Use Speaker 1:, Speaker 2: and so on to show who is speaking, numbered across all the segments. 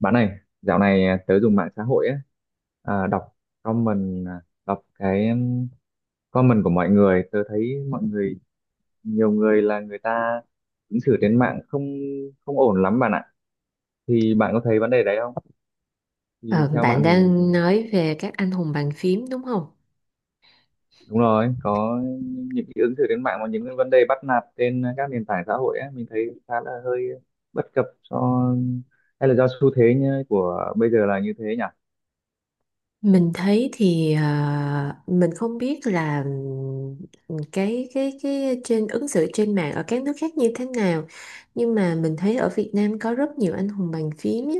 Speaker 1: Bạn này, dạo này tớ dùng mạng xã hội á, à, đọc đọc cái comment của mọi người, nhiều người là người ta ứng xử trên mạng không không ổn lắm bạn ạ. Thì bạn có thấy vấn đề đấy không? Thì
Speaker 2: Ờ,
Speaker 1: theo bạn
Speaker 2: Bạn
Speaker 1: thì
Speaker 2: đang nói về các anh hùng bàn phím đúng không?
Speaker 1: Đúng rồi, có những cái ứng xử trên mạng và những cái vấn đề bắt nạt trên các nền tảng xã hội á, mình thấy khá là hơi bất cập hay là do xu thế như của bây giờ là như thế nhỉ?
Speaker 2: Mình thấy thì mình không biết là cái trên ứng xử trên mạng ở các nước khác như thế nào, nhưng mà mình thấy ở Việt Nam có rất nhiều anh hùng bàn phím nhé.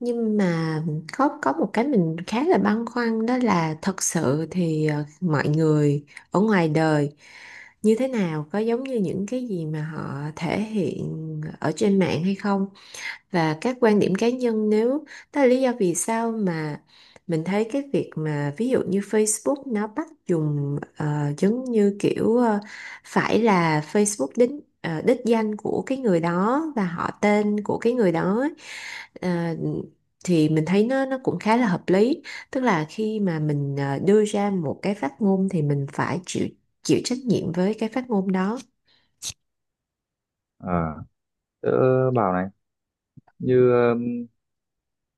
Speaker 2: Nhưng mà có một cái mình khá là băn khoăn, đó là thật sự thì mọi người ở ngoài đời như thế nào, có giống như những cái gì mà họ thể hiện ở trên mạng hay không? Và các quan điểm cá nhân, nếu đó là lý do vì sao mà mình thấy cái việc mà ví dụ như Facebook nó bắt dùng giống như kiểu phải là Facebook đính đích danh của cái người đó và họ tên của cái người đó ấy, ờ, thì mình thấy nó cũng khá là hợp lý, tức là khi mà mình đưa ra một cái phát ngôn thì mình phải chịu chịu trách nhiệm với cái phát ngôn đó.
Speaker 1: Ờ, Tớ bảo này, như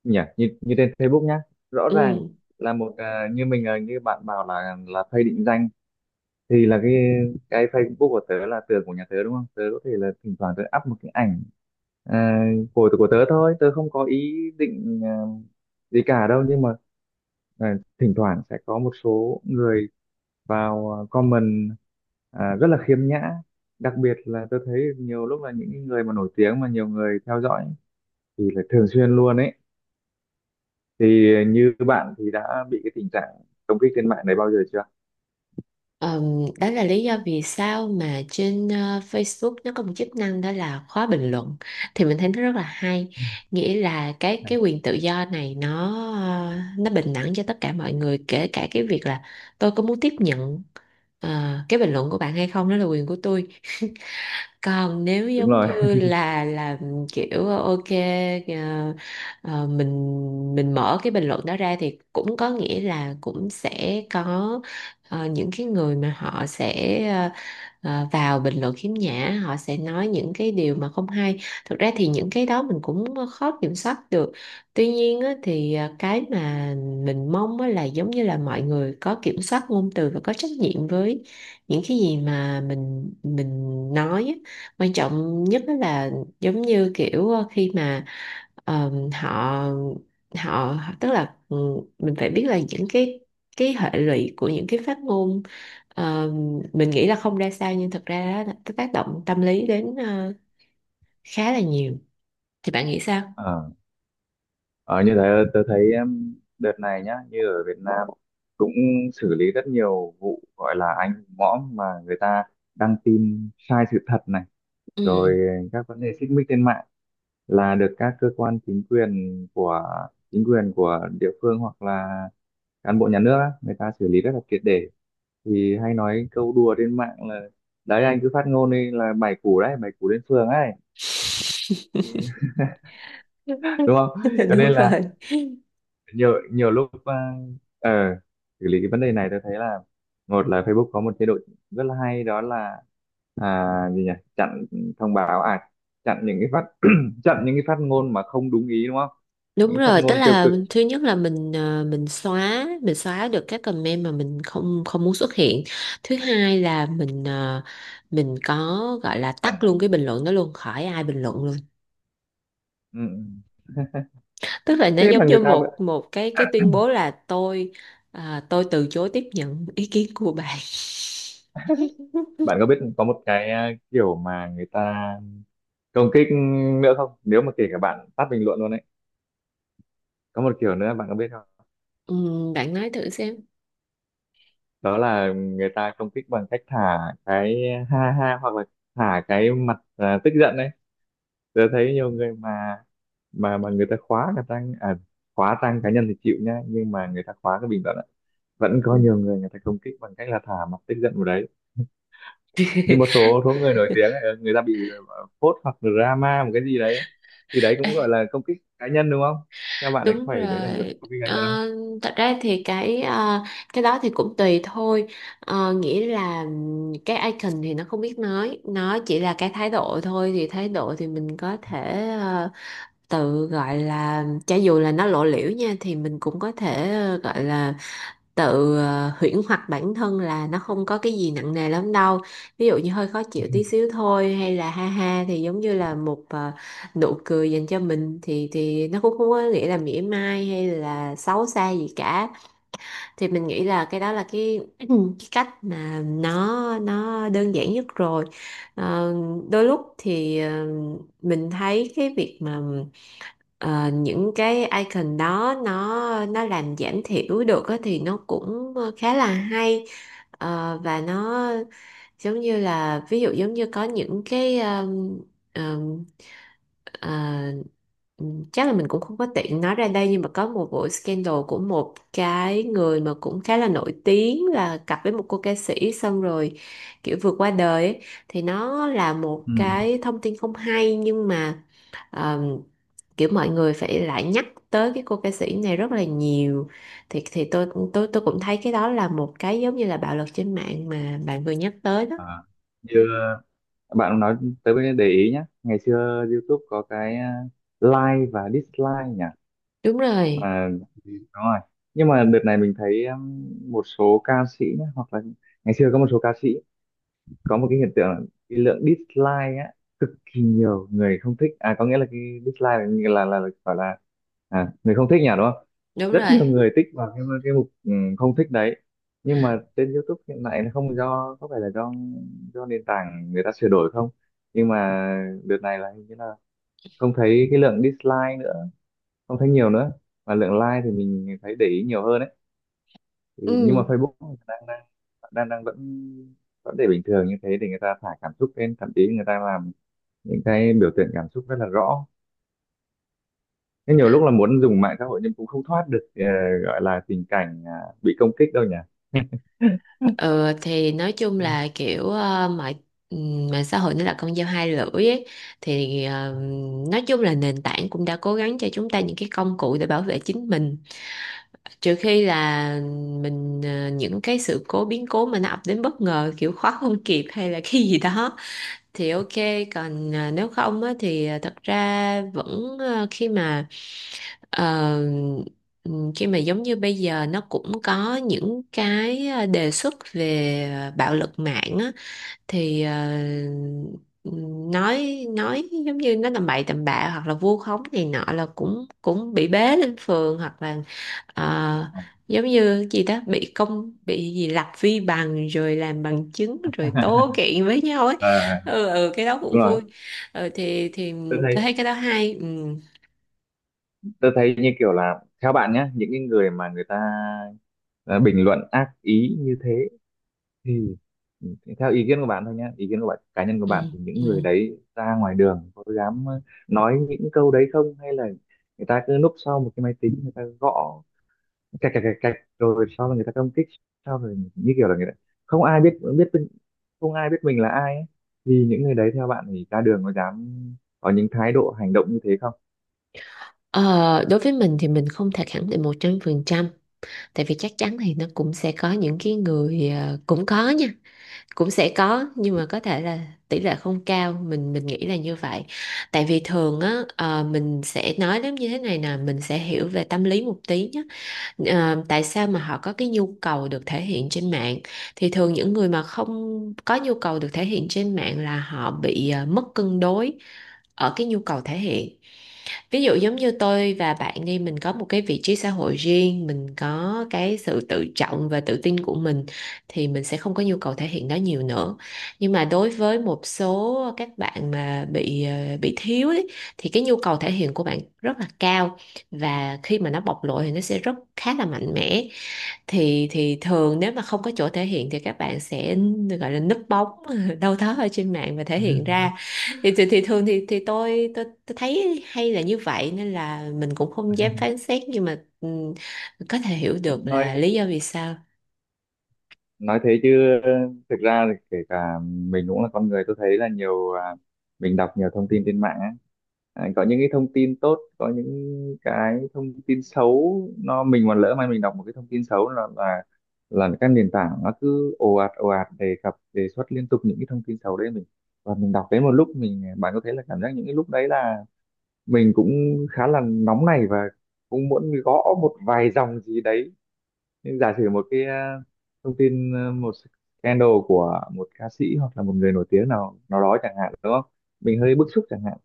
Speaker 1: như trên Facebook nhá, rõ ràng
Speaker 2: Ừ.
Speaker 1: là một à, như mình à, như bạn bảo là phay định danh, thì là cái Facebook của tớ là tường của nhà tớ, đúng không? Tớ có thể là thỉnh thoảng tớ up một cái ảnh à, của tớ thôi, tớ không có ý định gì cả đâu, nhưng mà thỉnh thoảng sẽ có một số người vào comment rất là khiêm nhã. Đặc biệt là tôi thấy nhiều lúc là những người mà nổi tiếng mà nhiều người theo dõi thì là thường xuyên luôn ấy. Thì như bạn thì đã bị cái tình trạng công kích trên mạng này bao giờ chưa?
Speaker 2: Ờm, Đó là lý do vì sao mà trên Facebook nó có một chức năng đó là khóa bình luận, thì mình thấy nó rất là hay, nghĩa là cái quyền tự do này nó nó bình đẳng cho tất cả mọi người, kể cả cái việc là tôi có muốn tiếp nhận cái bình luận của bạn hay không, đó là quyền của tôi. Còn nếu
Speaker 1: Đúng
Speaker 2: giống
Speaker 1: rồi.
Speaker 2: như là kiểu ok, ờ, mình mở cái bình luận đó ra thì cũng có nghĩa là cũng sẽ có những cái người mà họ sẽ vào bình luận khiếm nhã, họ sẽ nói những cái điều mà không hay. Thực ra thì những cái đó mình cũng khó kiểm soát được, tuy nhiên á, thì cái mà mình mong á là giống như là mọi người có kiểm soát ngôn từ và có trách nhiệm với những cái gì mà mình nói á. Quan trọng nhất đó là giống như kiểu khi mà họ họ tức là mình phải biết là những cái hệ lụy của những cái phát ngôn, ờ, mình nghĩ là không ra sao, nhưng thật ra đó, nó tác động tâm lý đến khá là nhiều. Thì bạn nghĩ sao?
Speaker 1: ờ Ờ, Như thế tôi thấy em, đợt này nhá, như ở Việt Nam cũng xử lý rất nhiều vụ gọi là anh mõm mà người ta đăng tin sai sự thật này,
Speaker 2: Ừ.
Speaker 1: rồi các vấn đề xích mích trên mạng là được các cơ quan chính quyền của địa phương hoặc là cán bộ nhà nước á, người ta xử lý rất là triệt để. Thì hay nói câu đùa trên mạng là đấy, anh cứ phát ngôn đi là 7 củ đấy, 7 củ đến phường ấy. Đúng không? Cho
Speaker 2: Đúng
Speaker 1: nên là
Speaker 2: rồi.
Speaker 1: nhiều nhiều lúc ờ, xử lý cái vấn đề này tôi thấy là một là Facebook có một chế độ rất là hay, đó là à, gì nhỉ chặn thông báo, chặn những cái phát chặn những cái phát ngôn mà không đúng ý, đúng không?
Speaker 2: Đúng
Speaker 1: Những cái phát
Speaker 2: rồi, tức
Speaker 1: ngôn tiêu
Speaker 2: là
Speaker 1: cực,
Speaker 2: thứ nhất là mình mình xóa, mình xóa được các comment mà mình không không muốn xuất hiện. Thứ hai là mình mình có gọi là
Speaker 1: ẩn
Speaker 2: tắt luôn cái
Speaker 1: ẩn.
Speaker 2: bình luận đó luôn, khỏi ai bình luận luôn.
Speaker 1: Ừ. Ừ.
Speaker 2: Tức là nó
Speaker 1: Thế mà
Speaker 2: giống như
Speaker 1: người ta vẫn-
Speaker 2: một một cái tuyên bố là tôi tôi từ chối tiếp nhận ý kiến của bạn.
Speaker 1: Bạn có biết có một cái kiểu mà người ta công kích nữa không, nếu mà kể cả bạn tắt bình luận luôn đấy? Có một kiểu nữa bạn có biết không?
Speaker 2: Bạn nói thử xem.
Speaker 1: Đó là người ta công kích bằng cách thả cái ha ha, hoặc là thả cái mặt tức giận đấy. Tôi thấy nhiều người mà người ta khóa cả trang khóa trang cá nhân thì chịu nhá, nhưng mà người ta khóa cái bình luận ạ. Vẫn có nhiều người, người ta công kích bằng cách là thả mặt tức giận vào đấy. Nhưng một số số người nổi tiếng ấy, người ta bị phốt hoặc drama một cái gì đấy, thì đấy cũng gọi là công kích cá nhân, đúng không? Các bạn này, có
Speaker 2: Đúng
Speaker 1: phải đấy là một
Speaker 2: rồi.
Speaker 1: công kích cá nhân không?
Speaker 2: Ờ, thật ra thì cái cái đó thì cũng tùy thôi. Ờ, nghĩa là cái icon thì nó không biết nói, nó chỉ là cái thái độ thôi. Thì thái độ thì mình có thể tự gọi là, cho dù là nó lộ liễu nha, thì mình cũng có thể gọi là tự huyễn hoặc bản thân là nó không có cái gì nặng nề lắm đâu, ví dụ như hơi khó chịu tí xíu thôi, hay là ha ha thì giống như là một nụ cười dành cho mình thì nó cũng không có nghĩa là mỉa mai hay là xấu xa gì cả. Thì mình nghĩ là cái đó là cái cái cách mà nó đơn giản nhất rồi. Ờ, đôi lúc thì mình thấy cái việc mà những cái icon đó nó làm giảm thiểu được á, thì nó cũng khá là hay. Ờ, và nó giống như là ví dụ giống như có những cái um, ờ, chắc là mình cũng không có tiện nói ra đây, nhưng mà có một vụ scandal của một cái người mà cũng khá là nổi tiếng là cặp với một cô ca sĩ xong rồi kiểu vượt qua đời ấy. Thì nó là một
Speaker 1: Ừ.
Speaker 2: cái thông tin không hay, nhưng mà Ờ, kiểu mọi người phải lại nhắc tới cái cô ca sĩ này rất là nhiều. Thì thì tôi cũng thấy cái đó là một cái giống như là bạo lực trên mạng mà bạn vừa nhắc tới đó.
Speaker 1: À, như bạn nói tới bên, để ý nhé, ngày xưa YouTube có cái like và dislike nhỉ,
Speaker 2: Đúng rồi.
Speaker 1: mà Ừ, đúng rồi, nhưng mà đợt này mình thấy một số ca sĩ nhá, hoặc là ngày xưa có một số ca sĩ có một cái hiện tượng là cái lượng dislike á, cực kỳ nhiều người không thích, có nghĩa là cái dislike là gọi là người không thích nhỉ, đúng không?
Speaker 2: Đúng
Speaker 1: Rất
Speaker 2: rồi.
Speaker 1: nhiều người tích vào cái mục không thích đấy. Nhưng mà trên YouTube hiện tại nó không, do có phải là do nền tảng người ta sửa đổi không, nhưng mà đợt này là hình như là không thấy cái lượng dislike nữa, không thấy nhiều nữa, mà lượng like thì mình thấy để ý nhiều hơn ấy. Thì nhưng mà
Speaker 2: Ừ.
Speaker 1: Facebook đang đang đang đang vẫn vẫn để bình thường như thế, để người ta thả cảm xúc lên, thậm chí người ta làm những cái biểu tượng cảm xúc rất là rõ. Thế nhiều lúc là muốn dùng mạng xã hội nhưng cũng không thoát được gọi là tình cảnh bị công kích đâu nhỉ.
Speaker 2: Ừ, thì nói chung
Speaker 1: Ừ.
Speaker 2: là kiểu mạng xã hội nó là con dao hai lưỡi ấy. Thì nói chung là nền tảng cũng đã cố gắng cho chúng ta những cái công cụ để bảo vệ chính mình, trừ khi là mình những cái sự cố, biến cố mà nó ập đến bất ngờ, kiểu khóa không kịp hay là cái gì đó, thì ok. Còn nếu không á, thì thật ra vẫn khi mà ờ, khi mà giống như bây giờ nó cũng có những cái đề xuất về bạo lực mạng á, thì nói giống như nó tầm bậy tầm bạ hoặc là vu khống này nọ là cũng cũng bị bế lên phường, hoặc là ờ, giống như gì đó bị công bị gì lập vi bằng rồi làm bằng chứng rồi tố kiện với nhau ấy.
Speaker 1: À,
Speaker 2: Ừ, ừ cái đó
Speaker 1: đúng
Speaker 2: cũng
Speaker 1: rồi,
Speaker 2: vui. Ừ, thì
Speaker 1: tôi
Speaker 2: tôi thấy
Speaker 1: thấy
Speaker 2: cái đó hay. Ừ.
Speaker 1: như kiểu là theo bạn nhé, những cái người mà người ta bình luận ác ý như thế, thì theo ý kiến của bạn thôi nhé, ý kiến của bạn cá nhân của
Speaker 2: Ừ.
Speaker 1: bạn, thì những người
Speaker 2: Ừ.
Speaker 1: đấy ra ngoài đường có dám nói những câu đấy không, hay là người ta cứ núp sau một cái máy tính, người ta gõ cạch cạch cạch cạch rồi sau là người ta công kích, sau rồi như kiểu là người ta không ai biết biết mình- không ai biết mình là ai ấy. Vì những người đấy, theo bạn thì ra đường có dám có những thái độ hành động như thế không?
Speaker 2: Ờ, đối với mình thì mình không thể khẳng định 100%. Tại vì chắc chắn thì nó cũng sẽ có những cái người cũng có nha, cũng sẽ có, nhưng mà có thể là tỷ lệ không cao, mình nghĩ là như vậy. Tại vì thường á, mình sẽ nói đến như thế này nè, mình sẽ hiểu về tâm lý một tí nhé. Ờ, tại sao mà họ có cái nhu cầu được thể hiện trên mạng? Thì thường những người mà không có nhu cầu được thể hiện trên mạng là họ bị mất cân đối ở cái nhu cầu thể hiện. Ví dụ giống như tôi và bạn đi, mình có một cái vị trí xã hội riêng, mình có cái sự tự trọng và tự tin của mình, thì mình sẽ không có nhu cầu thể hiện nó nhiều nữa. Nhưng mà đối với một số các bạn mà bị bị thiếu ấy, thì cái nhu cầu thể hiện của bạn rất là cao, và khi mà nó bộc lộ thì nó sẽ rất khá là mạnh mẽ. Thì thường nếu mà không có chỗ thể hiện thì các bạn sẽ gọi là núp bóng đâu đó ở trên mạng và thể hiện ra. Thì thì thường thì tôi thấy hay là như vậy, nên là mình cũng không dám phán xét, nhưng mà có thể hiểu được
Speaker 1: nói
Speaker 2: là lý do vì sao.
Speaker 1: nói thế chứ thực ra thì kể cả mình cũng là con người, tôi thấy là mình đọc nhiều thông tin trên mạng á. À, có những cái thông tin tốt, có những cái thông tin xấu. Nó mình mà lỡ mà mình đọc một cái thông tin xấu là các nền tảng nó cứ ồ ạt đề cập đề xuất liên tục những cái thông tin xấu đấy mình, và mình đọc đến một lúc mình, bạn có thấy là cảm giác những cái lúc đấy là mình cũng khá là nóng này, và cũng muốn gõ một vài dòng gì đấy. Nhưng giả sử một cái thông tin một scandal của một ca sĩ hoặc là một người nổi tiếng nào nào đó chẳng hạn, đúng không? Mình hơi bức xúc chẳng hạn,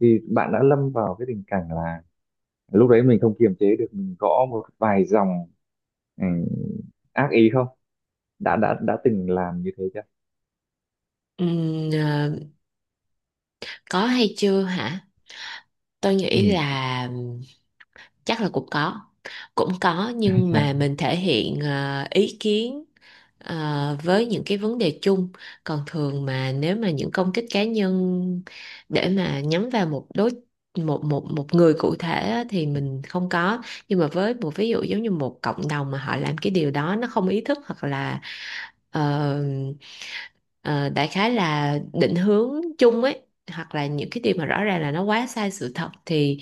Speaker 1: thì bạn đã lâm vào cái tình cảnh là lúc đấy mình không kiềm chế được, mình gõ một vài dòng ừ, ác ý không? Đã từng làm như thế chưa?
Speaker 2: Ừm, ờ, có hay chưa hả? Tôi nghĩ
Speaker 1: Ừ.
Speaker 2: là chắc là cũng có, cũng có, nhưng mà mình thể hiện ý kiến với những cái vấn đề chung. Còn thường mà nếu mà những công kích cá nhân để mà nhắm vào một một một một người cụ thể á, thì mình không có. Nhưng mà với một ví dụ giống như một cộng đồng mà họ làm cái điều đó nó không ý thức, hoặc là ờ, ờ, đại khái là định hướng chung ấy, hoặc là những cái điều mà rõ ràng là nó quá sai sự thật, thì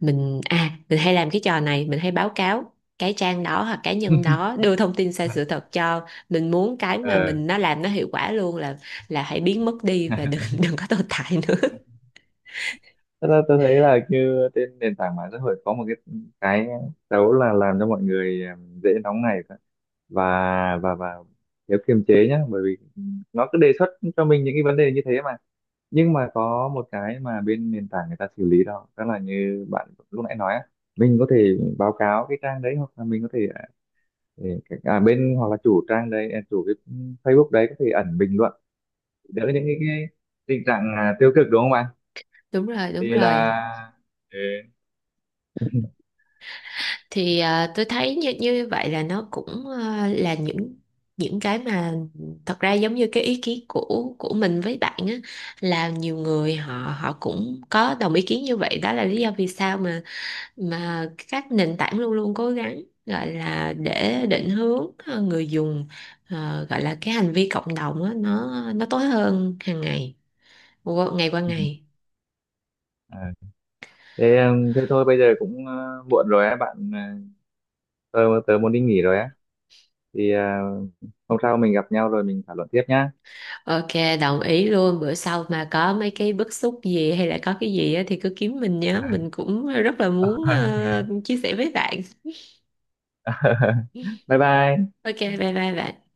Speaker 2: mình à mình hay làm cái trò này, mình hay báo cáo cái trang đó hoặc cá nhân đó đưa thông tin sai sự thật, cho mình muốn cái mà
Speaker 1: Ờ,
Speaker 2: mình nó làm nó hiệu quả luôn là hãy biến mất đi và đừng đừng có tồn tại nữa.
Speaker 1: thật ra tôi thấy là như trên nền tảng mạng xã hội có một cái xấu là làm cho mọi người dễ nóng này, và và thiếu kiềm chế nhá, bởi vì nó cứ đề xuất cho mình những cái vấn đề như thế mà. Nhưng mà có một cái mà bên nền tảng người ta xử lý đó đó là như bạn lúc nãy nói á, mình có thể báo cáo cái trang đấy, hoặc là mình có thể bên hoặc là chủ trang đấy chủ cái Facebook đấy có thể ẩn bình luận, đỡ những cái tình trạng tiêu cực, đúng không bạn?
Speaker 2: Đúng rồi, đúng
Speaker 1: Thì
Speaker 2: rồi.
Speaker 1: là
Speaker 2: Thì à, tôi thấy như như vậy là nó cũng à, là những cái mà thật ra giống như cái ý kiến của mình với bạn á, là nhiều người họ họ cũng có đồng ý kiến như vậy, đó là lý do vì sao mà các nền tảng luôn luôn cố gắng gọi là để định hướng người dùng, gọi là cái hành vi cộng đồng á, nó tốt hơn hàng ngày, ngày qua
Speaker 1: ừ.
Speaker 2: ngày.
Speaker 1: Ờ, thế thế thôi bây giờ cũng muộn rồi á bạn, tớ tớ muốn đi nghỉ rồi á, thì hôm sau mình gặp nhau rồi mình thảo luận tiếp nhá.
Speaker 2: Ok, đồng ý luôn. Bữa sau mà có mấy cái bức xúc gì hay là có cái gì á, thì cứ kiếm mình nhé, mình cũng rất là muốn chia sẻ với bạn.
Speaker 1: Bye bye.
Speaker 2: Ok, bye bye bạn.